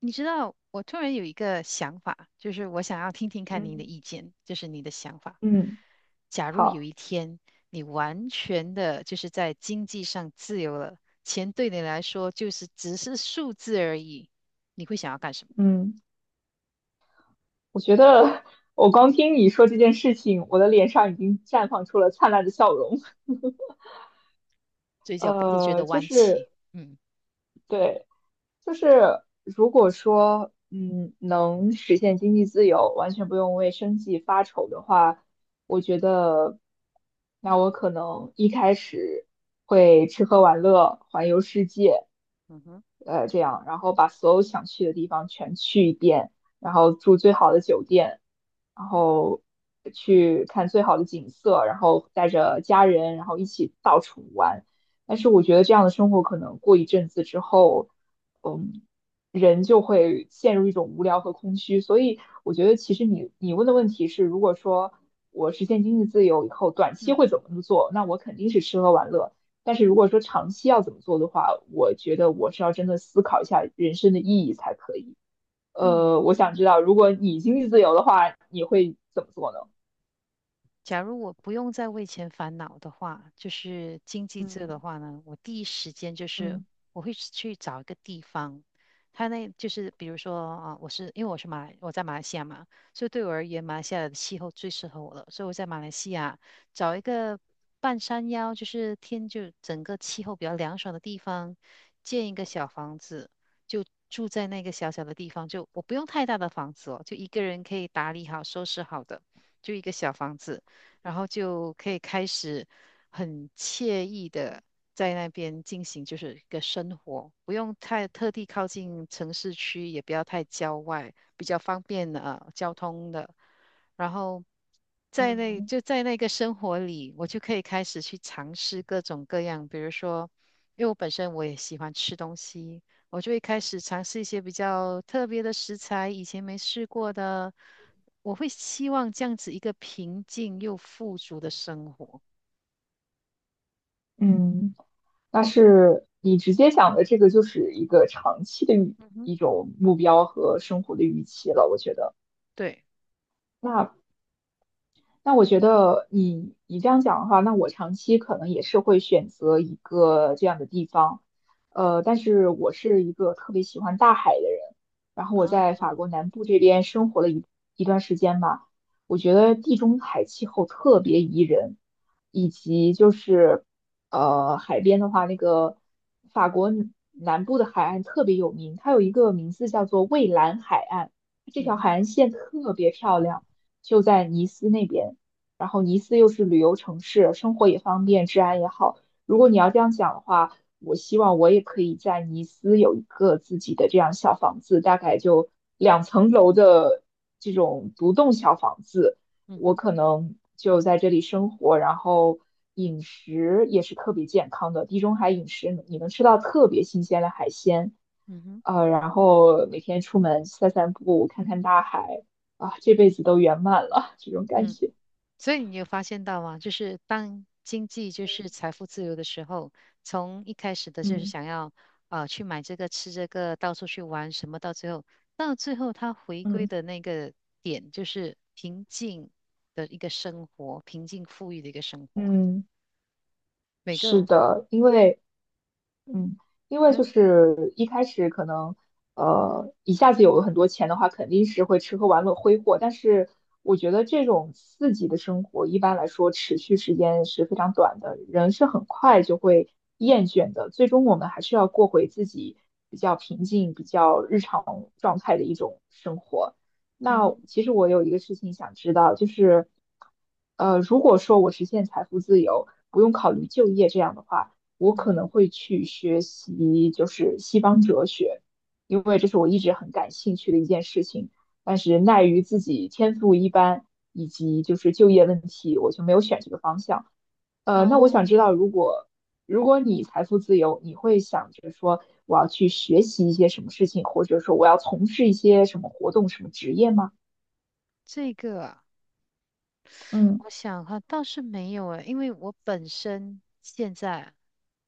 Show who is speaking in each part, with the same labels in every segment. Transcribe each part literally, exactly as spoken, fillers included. Speaker 1: 你知道，我突然有一个想法，就是我想要听听看您的
Speaker 2: 嗯
Speaker 1: 意见，就是你的想法。
Speaker 2: 嗯，
Speaker 1: 假如有
Speaker 2: 好，
Speaker 1: 一天你完全的就是在经济上自由了，钱对你来说就是只是数字而已，你会想要干什么？
Speaker 2: 嗯，我觉得我光听你说这件事情，我的脸上已经绽放出了灿烂的笑容。
Speaker 1: 嘴角不自觉
Speaker 2: 呃，
Speaker 1: 的
Speaker 2: 就
Speaker 1: 弯起，
Speaker 2: 是
Speaker 1: 嗯
Speaker 2: 对，就是如果说，嗯，能实现经济自由，完全不用为生计发愁的话，我觉得，那我可能一开始会吃喝玩乐，环游世界，
Speaker 1: 嗯哼，
Speaker 2: 呃，这样，然后把所有想去的地方全去一遍，然后住最好的酒店，然后去看最好的景色，然后带着家人，然后一起到处玩。但是我觉得这样的生活可能过一阵子之后。嗯，人就会陷入一种无聊和空虚。所以我觉得，其实你你问的问题是，如果说我实现经济自由以后，短期
Speaker 1: 嗯。
Speaker 2: 会怎么做？那我肯定是吃喝玩乐。但是如果说长期要怎么做的话，我觉得我是要真的思考一下人生的意义才可以。呃，
Speaker 1: 嗯。
Speaker 2: 我想知道，如果你经济自由的话，你会怎么做呢？
Speaker 1: 假如我不用再为钱烦恼的话，就是经济这的话
Speaker 2: 嗯
Speaker 1: 呢，我第一时间就是
Speaker 2: 嗯
Speaker 1: 我会去找一个地方，他那就是比如说啊，我是因为我是马来，我在马来西亚嘛，所以对我而言，马来西亚的气候最适合我了，所以我在马来西亚找一个半山腰，就是天就整个气候比较凉爽的地方，建一个小房子，就住在那个小小的地方，就我不用太大的房子哦，就一个人可以打理好、收拾好的。就一个小房子，然后就可以开始很惬意的在那边进行就是一个生活，不用太特地靠近城市区，也不要太郊外，比较方便呃交通的。然后在
Speaker 2: 嗯
Speaker 1: 那
Speaker 2: 嗯。
Speaker 1: 就在那个生活里，我就可以开始去尝试各种各样，比如说，因为我本身我也喜欢吃东西，我就会开始尝试一些比较特别的食材，以前没试过的。我会希望这样子一个平静又富足的生活。
Speaker 2: 嗯但是你直接想的这个就是一个长期的预
Speaker 1: 嗯哼，
Speaker 2: 一种目标和生活的预期了，我觉得。
Speaker 1: 对
Speaker 2: 那那我觉得你你这样讲的话，那我长期可能也是会选择一个这样的地方，呃，但是我是一个特别喜欢大海的人，然后我在
Speaker 1: 啊，
Speaker 2: 法国南部这边生活了一一段时间吧，我觉得地中海气候特别宜人，以及就是呃海边的话，那个法国南部的海岸特别有名，它有一个名字叫做蔚蓝海岸，这
Speaker 1: 嗯
Speaker 2: 条
Speaker 1: 哼，
Speaker 2: 海岸线特别漂亮。就在尼斯那边。然后尼斯又是旅游城市，生活也方便，治安也好。如果你要这样讲的话，我希望我也可以在尼斯有一个自己的这样小房子，大概就两层楼的这种独栋小房子。
Speaker 1: 嗯
Speaker 2: 我
Speaker 1: 哼，
Speaker 2: 可能就在这里生活，然后饮食也是特别健康的，地中海饮食你能吃到特别新鲜的海鲜，
Speaker 1: 嗯哼，
Speaker 2: 呃，然后每天出门散散步，看看大海，啊，这辈子都圆满了，这种感
Speaker 1: 嗯。
Speaker 2: 觉，
Speaker 1: 所以你有发现到吗？就是当经济就是财富自由的时候，从一开始的就是
Speaker 2: 嗯。
Speaker 1: 想要啊、呃去买这个吃这个，到处去玩什么，到最后到最后他回归
Speaker 2: 嗯
Speaker 1: 的那个点就是平静的一个生活，平静富裕的一个生活。
Speaker 2: 嗯，
Speaker 1: 每
Speaker 2: 是
Speaker 1: 个
Speaker 2: 的，因为嗯，因为
Speaker 1: 那
Speaker 2: 就是一开始可能，呃，一下子有了很多钱的话，肯定是会吃喝玩乐挥霍。但是我觉得这种刺激的生活，一般来说持续时间是非常短的，人是很快就会厌倦的。最终我们还是要过回自己比较平静、比较日常状态的一种生活。那
Speaker 1: 嗯哼
Speaker 2: 其实我有一个事情想知道，就是，呃，如果说我实现财富自由，不用考虑就业这样的话。我
Speaker 1: 嗯
Speaker 2: 可
Speaker 1: 哼
Speaker 2: 能会去学习就是西方哲学，因为这是我一直很感兴趣的一件事情。但是奈于自己天赋一般，以及就是就业问题，我就没有选这个方向。呃，那我
Speaker 1: 哦，
Speaker 2: 想知道，如果如果你财富自由，你会想着说我要去学习一些什么事情，或者说我要从事一些什么活动、什么职业吗？
Speaker 1: 这个啊
Speaker 2: 嗯
Speaker 1: 我想哈，倒是没有诶，因为我本身现在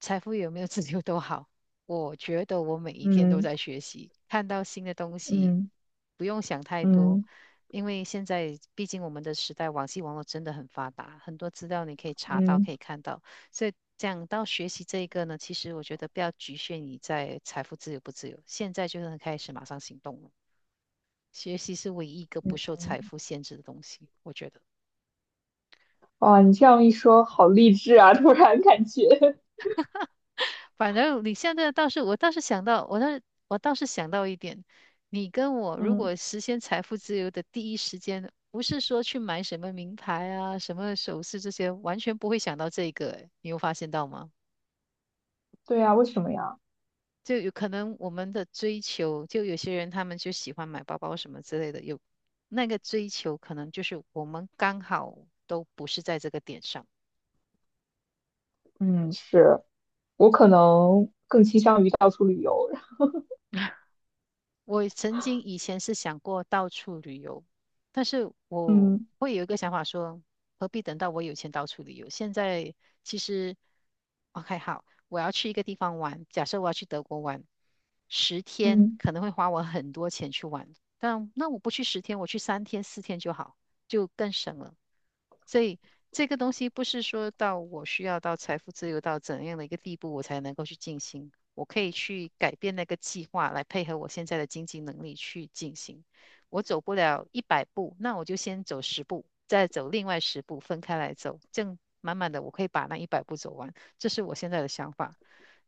Speaker 1: 财富有没有自由都好，我觉得我每一天都
Speaker 2: 嗯
Speaker 1: 在学习，看到新的东西，
Speaker 2: 嗯
Speaker 1: 不用想太多，
Speaker 2: 嗯
Speaker 1: 因为现在毕竟我们的时代，网际网络真的很发达，很多资料你可以查到，
Speaker 2: 嗯
Speaker 1: 可以看到，所以讲到学习这一个呢，其实我觉得不要局限你在财富自由不自由，现在就能开始马上行动了，学习是唯一一个
Speaker 2: 嗯，
Speaker 1: 不受财富限制的东西，我觉得。
Speaker 2: 哇，你这样一说，好励志啊！突然感觉，
Speaker 1: 反正你现在倒是，我倒是想到，我倒是我倒是想到一点，你跟我 如
Speaker 2: 嗯。
Speaker 1: 果实现财富自由的第一时间，不是说去买什么名牌啊、什么首饰这些，完全不会想到这个，诶你有发现到吗？
Speaker 2: 对呀，为什么呀？
Speaker 1: 就有可能我们的追求，就有些人他们就喜欢买包包什么之类的，有那个追求，可能就是我们刚好都不是在这个点上。
Speaker 2: 嗯，是我可能更倾向于到处旅游。
Speaker 1: 我曾经以前是想过到处旅游，但是我
Speaker 2: 嗯
Speaker 1: 会有一个想法说，何必等到我有钱到处旅游？现在其实，OK，好，我要去一个地方玩，假设我要去德国玩，十天
Speaker 2: 嗯
Speaker 1: 可能会花我很多钱去玩，但那我不去十天，我去三天四天就好，就更省了。所以这个东西不是说到我需要到财富自由到怎样的一个地步，我才能够去进行。我可以去改变那个计划，来配合我现在的经济能力去进行。我走不了一百步，那我就先走十步，再走另外十步，分开来走，这样慢慢的我可以把那一百步走完。这是我现在的想法。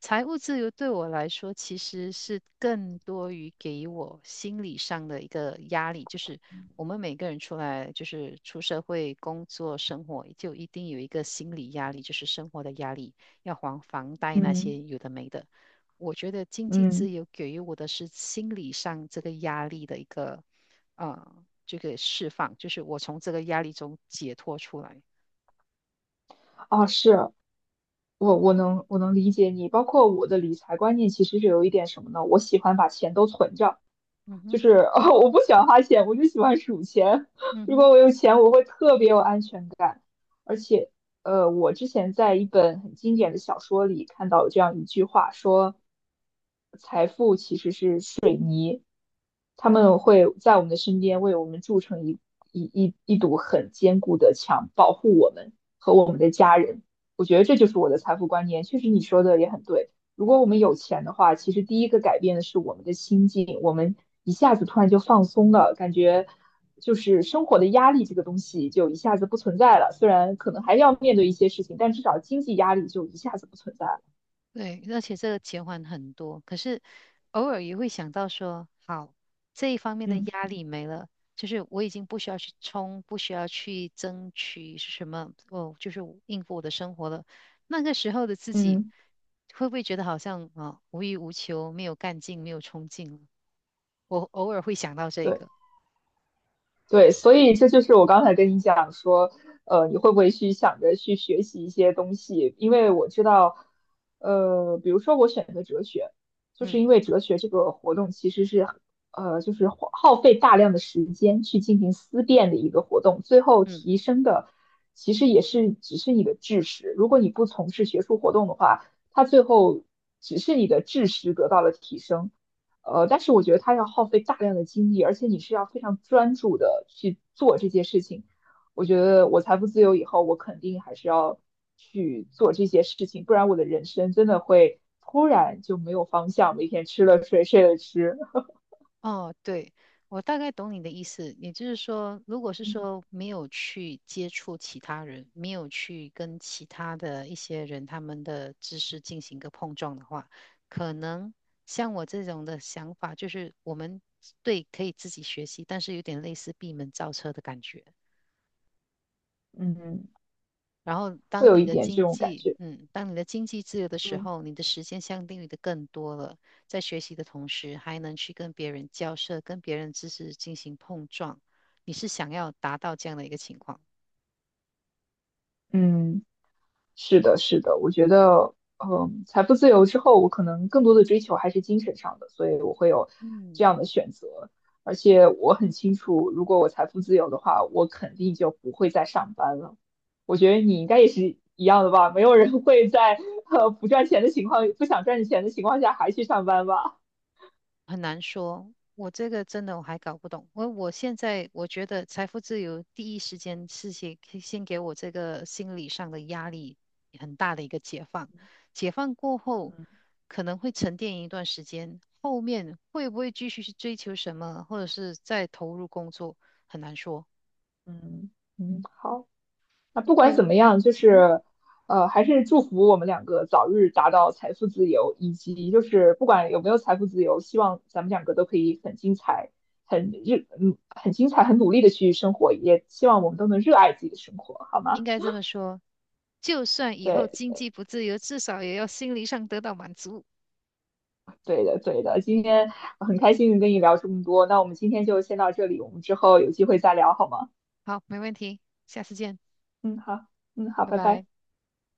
Speaker 1: 财务自由对我来说，其实是更多于给我心理上的一个压力，就是我们每个人出来，就是出社会工作生活，就一定有一个心理压力，就是生活的压力，要还房贷那些
Speaker 2: 嗯
Speaker 1: 有的没的。我觉得经济自
Speaker 2: 嗯，
Speaker 1: 由给予我的是心理上这个压力的一个呃这个释放，就是我从这个压力中解脱出来。
Speaker 2: 啊，是我我能我能理解你，包括我的理财观念其实是有一点什么呢？我喜欢把钱都存着，
Speaker 1: 嗯
Speaker 2: 就
Speaker 1: 哼，
Speaker 2: 是 哦，我不喜欢花钱，我就喜欢数钱。
Speaker 1: 嗯
Speaker 2: 如
Speaker 1: 哼，
Speaker 2: 果我有钱，我会特别有安全感。而且，呃，我之前在一本很经典的小说里看到有这样一句话，说财富其实是。他们会在我们的身边为我们筑成一一一一堵很坚固的墙，保护我们和我们的家人。我觉得这就是我的财富观念。确实，你说的也很对。如果我们有钱的话，其实第一个改变的是我们的心境，我们一下子突然就放松了，感觉就是生活的压力这个东西就一下子不存在了。虽然可能还要面对一些事情，但至少经济压力就一下子不存在了。
Speaker 1: 对，而且这个减缓很多，可是偶尔也会想到说，好，这一方面的
Speaker 2: 嗯
Speaker 1: 压力没了，就是我已经不需要去冲，不需要去争取是什么，哦，就是应付我的生活了。那个时候的自己，
Speaker 2: 嗯，
Speaker 1: 会不会觉得好像啊、无欲无求，没有干劲，没有冲劲了？我偶尔会想到这
Speaker 2: 对。
Speaker 1: 个，
Speaker 2: 对，所以这就是我刚才跟你讲说，呃，你会不会去想着去学习一些东西？因为我知道，呃，比如说我选择哲学，就是
Speaker 1: 嗯
Speaker 2: 因为哲学这个活动其实是，呃，就是花耗费大量的时间去进行思辨的一个活动，最后
Speaker 1: 嗯，
Speaker 2: 提升的其实也是只是你的知识。如果你不从事学术活动的话，它最后只是你的知识得到了提升。呃，但是我觉得它要耗费大量的精力，而且你是要非常专注的去做这些事情。我觉得我财富自由以后，我肯定还是要去做这些事情，不然我的人生真的会突然就没有方向，每天吃了睡，睡了吃，
Speaker 1: 哦，对，我大概懂你的意思，也就是说，如果是说没有去接触其他人，没有去跟其他的一些人他们的知识进行一个碰撞的话，可能像我这种的想法，就是我们对可以自己学习，但是有点类似闭门造车的感觉。
Speaker 2: 嗯
Speaker 1: 然后，
Speaker 2: 会
Speaker 1: 当
Speaker 2: 有
Speaker 1: 你
Speaker 2: 一
Speaker 1: 的
Speaker 2: 点这
Speaker 1: 经
Speaker 2: 种感
Speaker 1: 济，
Speaker 2: 觉。
Speaker 1: 嗯，当你的经济自由的时
Speaker 2: 嗯。
Speaker 1: 候，你的时间相对于的更多了。在学习的同时，还能去跟别人交涉，跟别人知识进行碰撞。你是想要达到这样的一个情况？
Speaker 2: 嗯。是的，是的，我觉得，嗯，财富自由之后，我可能更多的追求还是精神上的，所以我会有
Speaker 1: 嗯。
Speaker 2: 这样的选择。而且我很清楚，如果我财富自由的话，我肯定就不会再上班了。我觉得你应该也是一样的吧？没有人会在呃不赚钱的情况、不想赚钱的情况下还去上班吧？
Speaker 1: 很难说，我这个真的我还搞不懂。我我现在我觉得财富自由第一时间是先先给我这个心理上的压力很大的一个解放，解放过后
Speaker 2: 嗯
Speaker 1: 可能会沉淀一段时间，后面会不会继续去追求什么，或者是再投入工作，很难说。
Speaker 2: 嗯。嗯，好。那不
Speaker 1: 哎，
Speaker 2: 管怎么样，就
Speaker 1: 嗯，
Speaker 2: 是，呃，还是祝福我们两个早日达到财富自由，以及就是不管有没有财富自由，希望咱们两个都可以很精彩，很热，嗯，很精彩，很努力的去生活，也希望我们都能热爱自己的生活，好
Speaker 1: 应
Speaker 2: 吗？
Speaker 1: 该这么说，就算以后
Speaker 2: 对，
Speaker 1: 经济不自由，至少也要心理上得到满足。
Speaker 2: 对的，对的。今天很开心跟你聊这么多，那我们今天就先到这里，我们之后有机会再聊好吗？
Speaker 1: 好，没问题，下次见，
Speaker 2: 嗯，好，嗯，好，
Speaker 1: 拜
Speaker 2: 拜
Speaker 1: 拜。
Speaker 2: 拜。